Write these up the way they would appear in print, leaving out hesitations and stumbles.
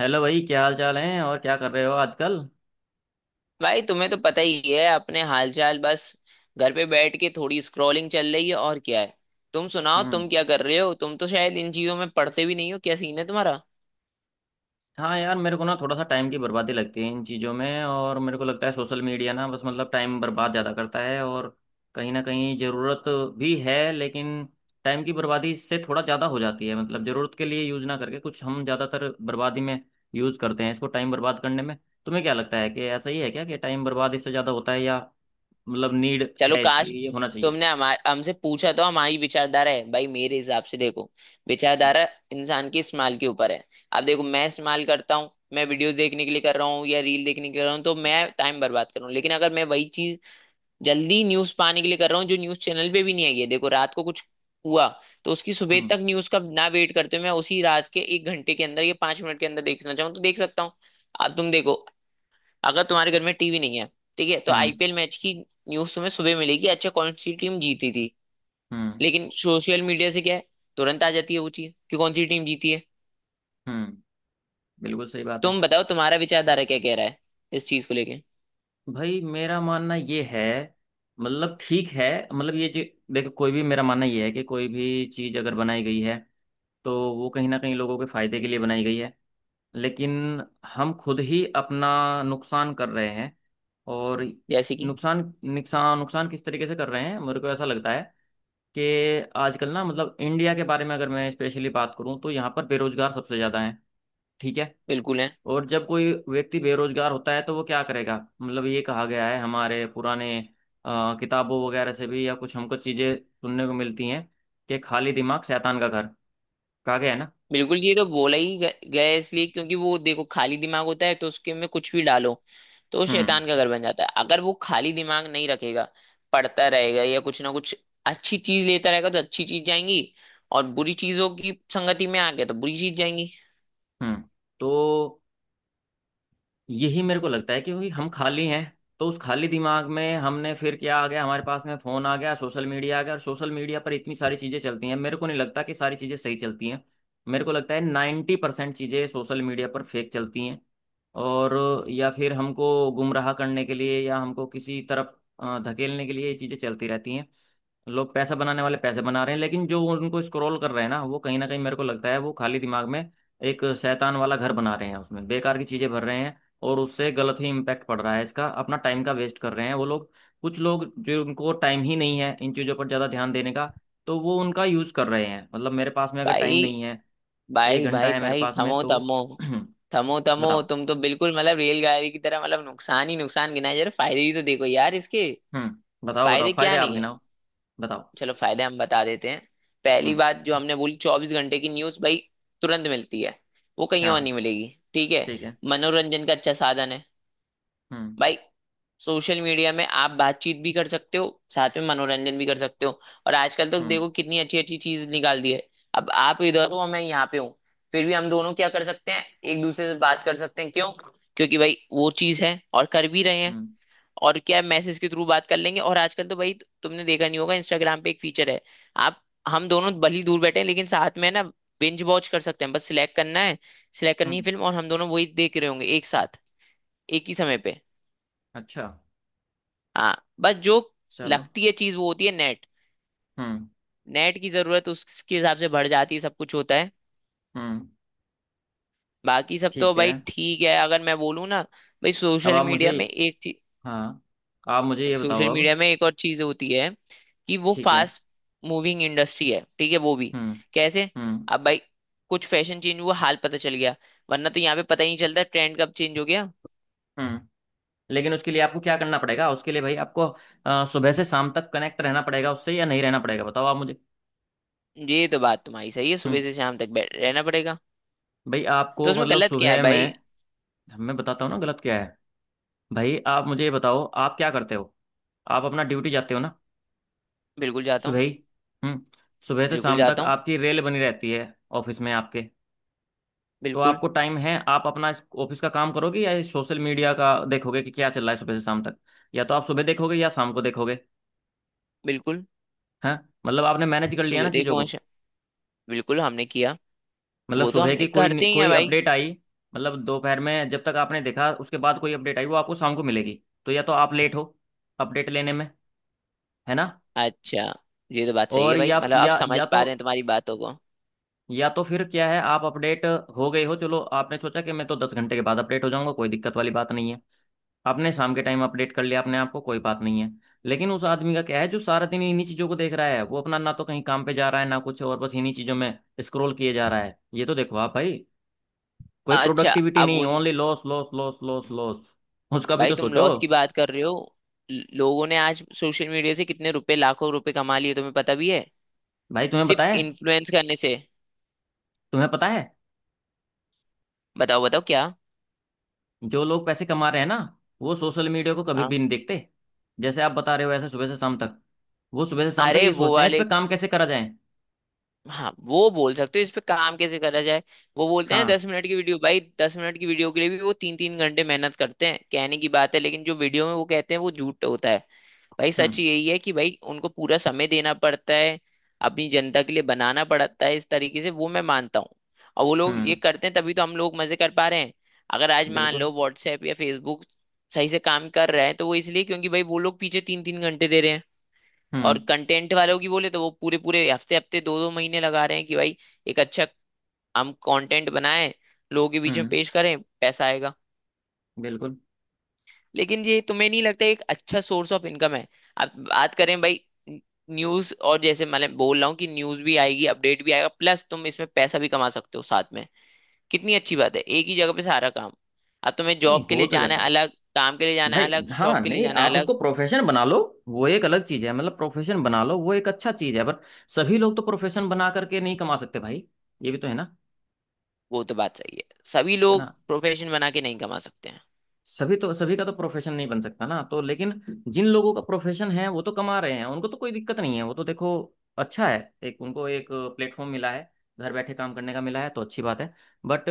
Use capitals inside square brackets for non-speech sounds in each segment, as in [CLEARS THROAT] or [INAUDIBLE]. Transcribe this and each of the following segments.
Hello भाई, क्या हाल चाल है और क्या कर रहे हो आजकल। भाई तुम्हें तो पता ही है, अपने हालचाल बस। घर पे बैठ के थोड़ी स्क्रॉलिंग चल रही है, और क्या है। तुम सुनाओ, हम्म। तुम क्या कर रहे हो? तुम तो शायद इन चीजों में पढ़ते भी नहीं हो, क्या सीन है तुम्हारा? हाँ यार, मेरे को ना थोड़ा सा टाइम की बर्बादी लगती है इन चीज़ों में। और मेरे को लगता है सोशल मीडिया ना बस मतलब टाइम बर्बाद ज़्यादा करता है। और कहीं ना कहीं ज़रूरत भी है, लेकिन टाइम की बर्बादी इससे थोड़ा ज़्यादा हो जाती है। मतलब ज़रूरत के लिए यूज़ ना करके कुछ हम ज़्यादातर बर्बादी में यूज़ करते हैं इसको, टाइम बर्बाद करने में। तुम्हें क्या लगता है कि ऐसा ही है क्या, कि टाइम बर्बाद इससे ज़्यादा होता है या मतलब नीड चलो है काश इसकी, ये होना चाहिए। तुमने हमारे हमसे पूछा, तो हमारी विचारधारा है भाई। मेरे हिसाब से देखो, विचारधारा इंसान के इस्तेमाल के ऊपर है। अब देखो, मैं इस्तेमाल करता हूँ, मैं वीडियो देखने के लिए कर रहा हूँ या रील देखने के लिए कर रहा हूँ तो मैं टाइम बर्बाद कर रहा हूँ, लेकिन अगर मैं वही चीज जल्दी न्यूज पाने के लिए कर रहा हूँ जो न्यूज चैनल पे भी नहीं आई है। देखो, रात को कुछ हुआ तो उसकी सुबह हम्म। तक न्यूज का ना वेट करते हुए मैं उसी रात के एक घंटे के अंदर या 5 मिनट के अंदर देखना चाहूँ तो देख सकता हूँ। अब तुम देखो, अगर तुम्हारे घर में टीवी नहीं है ठीक है, तो हम्म। आईपीएल मैच की न्यूज तुम्हें सुबह मिलेगी। अच्छा, कौन सी टीम जीती थी। हम्म। लेकिन सोशल मीडिया से क्या है, तुरंत आ जाती है वो चीज कि कौन सी टीम जीती है। हम्म। बिल्कुल सही बात है। तुम बताओ, तुम्हारा विचारधारा क्या कह रहा है इस चीज को लेके। भाई मेरा मानना ये है, मतलब ठीक है, मतलब ये जो, देखो कोई भी, मेरा मानना ये है कि कोई भी चीज़ अगर बनाई गई है तो वो कहीं ना कहीं लोगों के फायदे के लिए बनाई गई है। लेकिन हम खुद ही अपना नुकसान कर रहे हैं। और जैसे कि। नुकसान, नुकसान, नुकसान किस तरीके से कर रहे हैं? मेरे को ऐसा लगता है कि आजकल ना मतलब इंडिया के बारे में अगर मैं स्पेशली बात करूं तो यहाँ पर बेरोजगार सबसे ज़्यादा है, ठीक है। बिल्कुल है। और जब कोई व्यक्ति बेरोजगार होता है तो वो क्या करेगा? मतलब ये कहा गया है हमारे पुराने किताबों वगैरह से भी, या कुछ हमको चीजें सुनने को मिलती हैं कि खाली दिमाग शैतान का घर, कहा गया है ना। बिल्कुल, ये तो बोला ही गया है, इसलिए क्योंकि वो देखो खाली दिमाग होता है तो उसके में कुछ भी डालो तो वो हम्म। शैतान का घर बन जाता है। अगर वो खाली दिमाग नहीं रखेगा, पढ़ता रहेगा या कुछ ना कुछ अच्छी चीज लेता रहेगा तो अच्छी चीज जाएंगी। और बुरी चीजों की संगति में आ गया तो बुरी चीज जाएंगी। हम्म। तो यही मेरे को लगता है, क्योंकि हम खाली हैं, तो उस खाली दिमाग में हमने फिर क्या आ गया, हमारे पास में फोन आ गया, सोशल मीडिया आ गया। और सोशल मीडिया पर इतनी सारी चीजें चलती हैं, मेरे को नहीं लगता कि सारी चीजें सही चलती हैं। मेरे को लगता है 90% चीजें सोशल मीडिया पर फेक चलती हैं। और या फिर हमको गुमराह करने के लिए, या हमको किसी तरफ धकेलने के लिए ये चीज़ें चलती रहती हैं। लोग पैसा बनाने वाले पैसे बना रहे हैं, लेकिन जो उनको स्क्रॉल कर रहे हैं ना, वो कहीं ना कहीं मेरे को लगता है वो खाली दिमाग में एक शैतान वाला घर बना रहे हैं, उसमें बेकार की चीज़ें भर रहे हैं। और उससे गलत ही इम्पैक्ट पड़ रहा है इसका, अपना टाइम का वेस्ट कर रहे हैं वो लोग। कुछ लोग जो उनको टाइम ही नहीं है इन चीज़ों पर ज़्यादा ध्यान देने का, तो वो उनका यूज़ कर रहे हैं। मतलब मेरे पास में अगर टाइम भाई नहीं है, एक भाई घंटा भाई है मेरे भाई, पास में थमो तो थमो थमो [CLEARS THROAT] थमो! बताओ। तुम तो बिल्कुल मतलब रेलगाड़ी की तरह, मतलब नुकसान ही नुकसान गिनाए जा रहे। फायदे ही तो देखो यार इसके। हम्म, बताओ बताओ, फायदे फायदे क्या आप नहीं है। गिनाओ, बताओ। चलो, फायदे हम बता देते हैं। पहली हम्म। बात जो हमने बोली, 24 घंटे की न्यूज भाई, तुरंत मिलती है, वो कहीं और हाँ। नहीं मिलेगी, ठीक है। ठीक है। मनोरंजन का अच्छा साधन है हम्म। भाई। सोशल मीडिया में आप बातचीत भी कर सकते हो, साथ में मनोरंजन भी कर सकते हो। और आजकल तो हम्म। देखो कितनी अच्छी अच्छी चीज निकाल दी है। अब आप इधर हो, मैं यहाँ पे हूँ, फिर भी हम दोनों क्या कर सकते हैं? एक दूसरे से बात कर सकते हैं। क्यों? क्योंकि भाई वो चीज है, और कर भी रहे हैं। हम्म। और क्या, मैसेज के थ्रू बात कर लेंगे। और आजकल तो भाई तुमने देखा नहीं होगा, इंस्टाग्राम पे एक फीचर है। आप, हम दोनों भली दूर बैठे हैं लेकिन साथ में है ना, बिंज वॉच कर सकते हैं। बस सिलेक्ट करना है, सिलेक्ट करनी है हम्म। फिल्म, और हम दोनों वही देख रहे होंगे एक साथ, एक ही समय पे। अच्छा। हाँ, बस जो चलो। लगती है चीज वो होती है नेट। हम्म। नेट की जरूरत उसके हिसाब से बढ़ जाती है, सब कुछ होता है। हम्म। बाकी सब तो ठीक है। भाई ठीक है, अगर मैं बोलूँ ना, भाई अब आप मुझे, हाँ, आप मुझे ये बताओ सोशल मीडिया अब। में एक और चीज होती है कि वो ठीक है। फास्ट मूविंग इंडस्ट्री है, ठीक है वो भी। हम्म। कैसे? हम्म। अब भाई कुछ फैशन चेंज हुआ हाल पता चल गया, वरना तो यहाँ पे पता ही नहीं चलता ट्रेंड कब चेंज हो गया। हम्म। लेकिन उसके लिए आपको क्या करना पड़ेगा? उसके लिए भाई आपको सुबह से शाम तक कनेक्ट रहना पड़ेगा उससे, या नहीं रहना पड़ेगा, बताओ आप मुझे। ये तो बात तुम्हारी सही है, सुबह हम्म। से शाम तक बैठ रहना पड़ेगा। भाई तो आपको उसमें मतलब गलत क्या है सुबह भाई? में, मैं बताता हूँ ना गलत क्या है। भाई आप मुझे ये बताओ, आप क्या करते हो? आप अपना ड्यूटी जाते हो ना, बिल्कुल जाता सुबह हूँ। ही। हम्म। सुबह से बिल्कुल शाम तक जाता हूँ। आपकी रेल बनी रहती है ऑफिस में, आपके। तो बिल्कुल। आपको टाइम है, आप अपना ऑफिस का काम करोगे या सोशल मीडिया का देखोगे कि क्या चल रहा है सुबह से शाम तक? या तो आप सुबह देखोगे या शाम को देखोगे। बिल्कुल। हाँ। मतलब आपने मैनेज कर लिया सुबह ना चीज़ों देखो, को, अच्छा। बिल्कुल हमने किया। मतलब वो तो सुबह की हमने कोई करते ही है कोई भाई। अपडेट आई, मतलब दोपहर में जब तक आपने देखा उसके बाद कोई अपडेट आई, वो आपको शाम को मिलेगी, तो या तो आप लेट हो अपडेट लेने में, है ना। अच्छा, ये तो बात सही है और भाई, मतलब अब समझ पा रहे हैं तुम्हारी बातों को। या तो फिर क्या है, आप अपडेट हो गए हो, चलो आपने सोचा कि मैं तो 10 घंटे के बाद अपडेट हो जाऊंगा, कोई दिक्कत वाली बात नहीं है, आपने शाम के टाइम अपडेट कर लिया अपने आप को, कोई बात नहीं है। लेकिन उस आदमी का क्या है जो सारा दिन इन्हीं चीज़ों को देख रहा है, वो अपना ना तो कहीं काम पे जा रहा है ना कुछ और, बस इन्हीं चीज़ों में स्क्रॉल किए जा रहा है, ये तो देखो आप भाई, कोई अच्छा, प्रोडक्टिविटी अब नहीं, उन। Only loss, loss, loss, loss, loss. उसका भी भाई तो तुम सोचो। लॉस की बात कर रहे हो, लोगों ने आज सोशल मीडिया से कितने रुपए, लाखों रुपए कमा लिए, तुम्हें पता भी है? भाई तुम्हें सिर्फ बताया, इन्फ्लुएंस करने से। तुम्हें पता है बताओ, बताओ क्या। जो लोग पैसे कमा रहे हैं ना, वो सोशल मीडिया को कभी भी हाँ। नहीं देखते जैसे आप बता रहे हो ऐसे सुबह से शाम तक। वो सुबह से शाम तक अरे, ये वो सोचते हैं इस पे वाले। काम कैसे करा जाए। हाँ, वो बोल सकते हो इस पे काम कैसे करा जाए। वो बोलते हैं हाँ। 10 मिनट की वीडियो, भाई 10 मिनट की वीडियो के लिए भी वो तीन तीन घंटे मेहनत करते हैं, कहने की बात है, लेकिन जो वीडियो में वो कहते हैं वो झूठ होता है। भाई सच हम्म। यही है कि भाई उनको पूरा समय देना पड़ता है, अपनी जनता के लिए बनाना पड़ता है इस तरीके से, वो मैं मानता हूँ। और वो लोग ये हम्म। करते हैं तभी तो हम लोग मजे कर पा रहे हैं। अगर आज मान बिल्कुल। लो व्हाट्सएप या फेसबुक सही से काम कर रहा है, तो वो इसलिए क्योंकि भाई वो लोग पीछे तीन तीन घंटे दे रहे हैं। हम्म। और कंटेंट वालों की बोले तो वो पूरे पूरे हफ्ते हफ्ते दो दो महीने लगा रहे हैं कि भाई एक अच्छा हम कंटेंट बनाएं, लोगों के बीच में हम्म। पेश करें, पैसा आएगा। बिल्कुल। लेकिन ये तुम्हें नहीं लगता एक अच्छा सोर्स ऑफ इनकम है? आप बात करें भाई न्यूज, और जैसे मैं बोल रहा हूँ कि न्यूज भी आएगी, अपडेट भी आएगा, प्लस तुम इसमें पैसा भी कमा सकते हो साथ में। कितनी अच्छी बात है, एक ही जगह पे सारा काम। अब तुम्हें नहीं जॉब के हो लिए तो जाना जाता है है अलग, काम के लिए जाना है भाई। अलग, हाँ शॉप के लिए नहीं, जाना है आप अलग। उसको प्रोफेशन बना लो, वो एक अलग चीज है, मतलब प्रोफेशन बना लो वो एक अच्छा चीज है, पर सभी लोग तो प्रोफेशन बना करके नहीं कमा सकते भाई, ये भी तो है ना, वो तो बात सही है, सभी है लोग ना। प्रोफेशन बना के नहीं कमा सकते हैं। सभी का तो प्रोफेशन नहीं बन सकता ना, तो लेकिन जिन लोगों का प्रोफेशन है वो तो कमा रहे हैं, उनको तो कोई दिक्कत नहीं है, वो तो देखो अच्छा है, एक उनको एक प्लेटफॉर्म मिला है घर बैठे काम करने का, मिला है तो अच्छी बात है। बट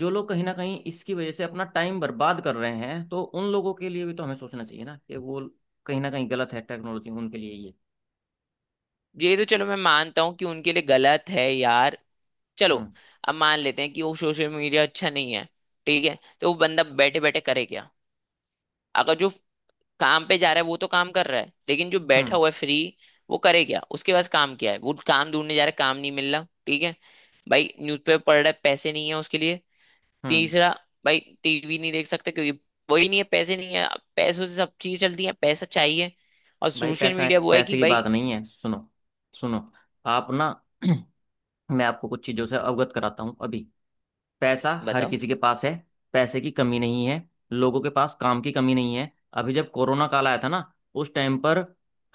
जो लोग कहीं ना कहीं इसकी वजह से अपना टाइम बर्बाद कर रहे हैं, तो उन लोगों के लिए भी तो हमें सोचना चाहिए ना, कि वो कहीं ना कहीं गलत है, टेक्नोलॉजी उनके लिए ये। ये तो चलो मैं मानता हूँ कि उनके लिए गलत है यार। चलो। हम्म। अब मान लेते हैं कि वो सोशल मीडिया अच्छा नहीं है ठीक है, तो वो बंदा बैठे बैठे करे क्या? अगर जो काम पे जा रहा है वो तो काम कर रहा है, लेकिन जो बैठा हम्म। हुआ है फ्री, वो करे क्या? उसके पास काम क्या है? वो काम ढूंढने जा रहा है, काम नहीं मिल रहा, ठीक है। भाई न्यूज़पेपर पढ़ रहा है, पैसे नहीं है उसके लिए। हम्म। तीसरा, भाई टीवी नहीं देख सकता क्योंकि वही नहीं है, पैसे नहीं है। पैसों से सब चीज चलती है, पैसा चाहिए। और भाई सोशल पैसा, मीडिया वो है पैसे कि की भाई। बात नहीं है, सुनो सुनो, आप ना [CLEARS THROAT] मैं आपको कुछ चीज़ों से अवगत कराता हूँ अभी। पैसा हर बताओ। किसी के पास है, पैसे की कमी नहीं है, लोगों के पास काम की कमी नहीं है। अभी जब कोरोना काल आया था ना, उस टाइम पर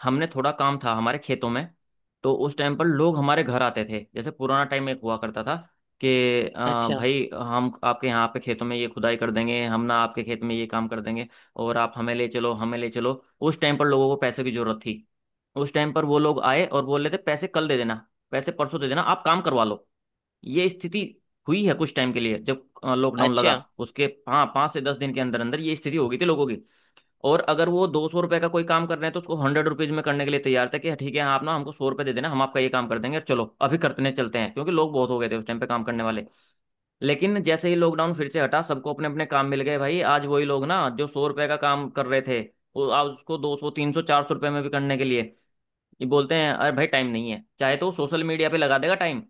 हमने, थोड़ा काम था हमारे खेतों में, तो उस टाइम पर लोग हमारे घर आते थे, जैसे पुराना टाइम एक हुआ करता था, कि अच्छा। भाई हम आपके यहाँ पे खेतों में ये खुदाई कर देंगे, हम ना आपके खेत में ये काम कर देंगे और आप हमें ले चलो, हमें ले चलो। उस टाइम पर लोगों को पैसे की जरूरत थी, उस टाइम पर वो लोग आए और बोल रहे थे पैसे कल दे देना, पैसे परसों दे देना, आप काम करवा लो। ये स्थिति हुई है कुछ टाइम के लिए जब लॉकडाउन लगा। अच्छा। उसके हाँ 5 से 10 दिन के अंदर अंदर ये स्थिति हो गई थी लोगों की। और अगर वो 200 रुपए का कोई काम कर रहे हैं तो उसको 100 रुपीज में करने के लिए तैयार था, कि "हाँ, ठीक है, आप ना हमको 100 रुपए दे देना, हम आपका ये काम कर देंगे, चलो अभी करते हैं, चलते हैं", क्योंकि लोग बहुत हो गए थे उस टाइम पे काम करने वाले। लेकिन जैसे ही लॉकडाउन फिर से हटा, सबको अपने अपने काम मिल गए, भाई आज वही लोग ना जो 100 रुपए का काम कर रहे थे, वो आज उसको 200, 300, 400 रुपए में भी करने के लिए ये बोलते हैं अरे भाई टाइम नहीं है, चाहे तो सोशल मीडिया पे लगा देगा टाइम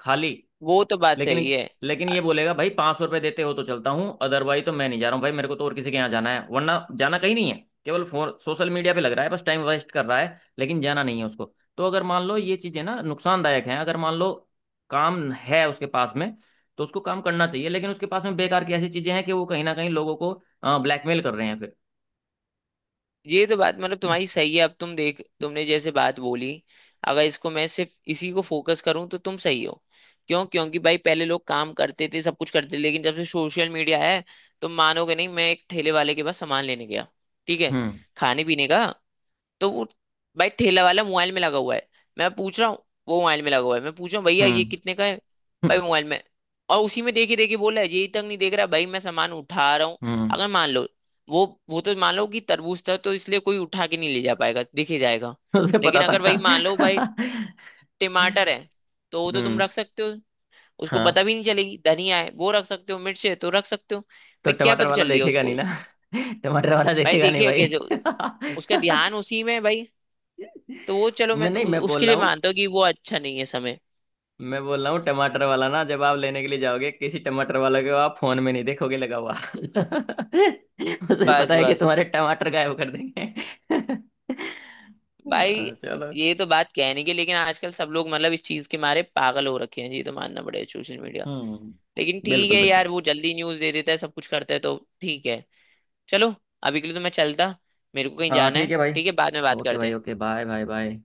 खाली। वो तो बात सही लेकिन है। लेकिन ये बोलेगा भाई 500 रुपये देते हो तो चलता हूँ, अदरवाइज तो मैं नहीं जा रहा हूँ भाई, मेरे को तो और किसी के यहाँ जाना है, वरना जाना कहीं नहीं है, केवल फोन सोशल मीडिया पे लग रहा है, बस टाइम वेस्ट कर रहा है, लेकिन जाना नहीं है उसको। तो अगर मान लो ये चीजें ना नुकसानदायक हैं, अगर मान लो काम है उसके पास में तो उसको काम करना चाहिए, लेकिन उसके पास में बेकार की ऐसी चीजें हैं कि वो कहीं ना कहीं लोगों को ब्लैकमेल कर रहे हैं फिर। ये तो बात मतलब तुम्हारी सही है, अब तुम देख तुमने जैसे बात बोली, अगर इसको मैं सिर्फ इसी को फोकस करूं तो तुम सही हो। क्यों? क्योंकि भाई पहले लोग काम करते थे, सब कुछ करते थे, लेकिन जब से सोशल मीडिया है। तुम मानोगे नहीं, मैं एक ठेले वाले के पास सामान लेने गया, ठीक है, हम्म। खाने पीने का। तो वो, भाई ठेला वाला मोबाइल में लगा हुआ है, मैं पूछ रहा हूँ, वो मोबाइल में लगा हुआ है, मैं पूछ रहा हूँ भैया ये हम्म। कितने का है। हम्म। भाई मोबाइल में, और उसी में देखे देखे बोला है, यही तक नहीं देख रहा, भाई मैं सामान उठा रहा हूँ। हम्म, अगर मान लो वो तो मान लो कि तरबूज था तो इसलिए कोई उठा के नहीं ले जा पाएगा, दिखे जाएगा। [LAUGHS] उसे पता लेकिन अगर वही मान लो भाई था। [LAUGHS] टमाटर है, तो वो तो तुम हम्म। रख सकते हो, उसको हाँ, पता भी नहीं चलेगी। धनिया है वो रख सकते हो, मिर्च है तो रख सकते हो, तो भाई क्या टमाटर पता वाला चल रही है देखेगा नहीं उसको। ना। [LAUGHS] टमाटर वाला भाई देखेगा नहीं देखिए भाई। कैसे उसका ध्यान उसी में है भाई। तो वो [LAUGHS] चलो मैं मैं तो नहीं, उसके लिए मानता हूँ कि वो अच्छा नहीं है समय। मैं बोल रहा हूँ टमाटर वाला ना, जब आप लेने के लिए जाओगे किसी टमाटर वाले को, आप फोन में नहीं देखोगे लगा हुआ। [LAUGHS] उसे पता बस है कि बस तुम्हारे टमाटर गायब कर देंगे। [LAUGHS] भाई, हाँ, चलो। ये तो बात कहने की, लेकिन आजकल सब लोग मतलब इस चीज के मारे पागल हो रखे हैं, ये तो मानना पड़ेगा, सोशल मीडिया। हम्म, लेकिन ठीक बिल्कुल है बिल्कुल। यार, वो जल्दी न्यूज दे देता है, सब कुछ करता है तो ठीक है। चलो, अभी के लिए तो मैं चलता, मेरे को कहीं हाँ जाना ठीक है, है भाई, ठीक है, बाद में बात ओके करते भाई, हैं। Okay, bye bye bye.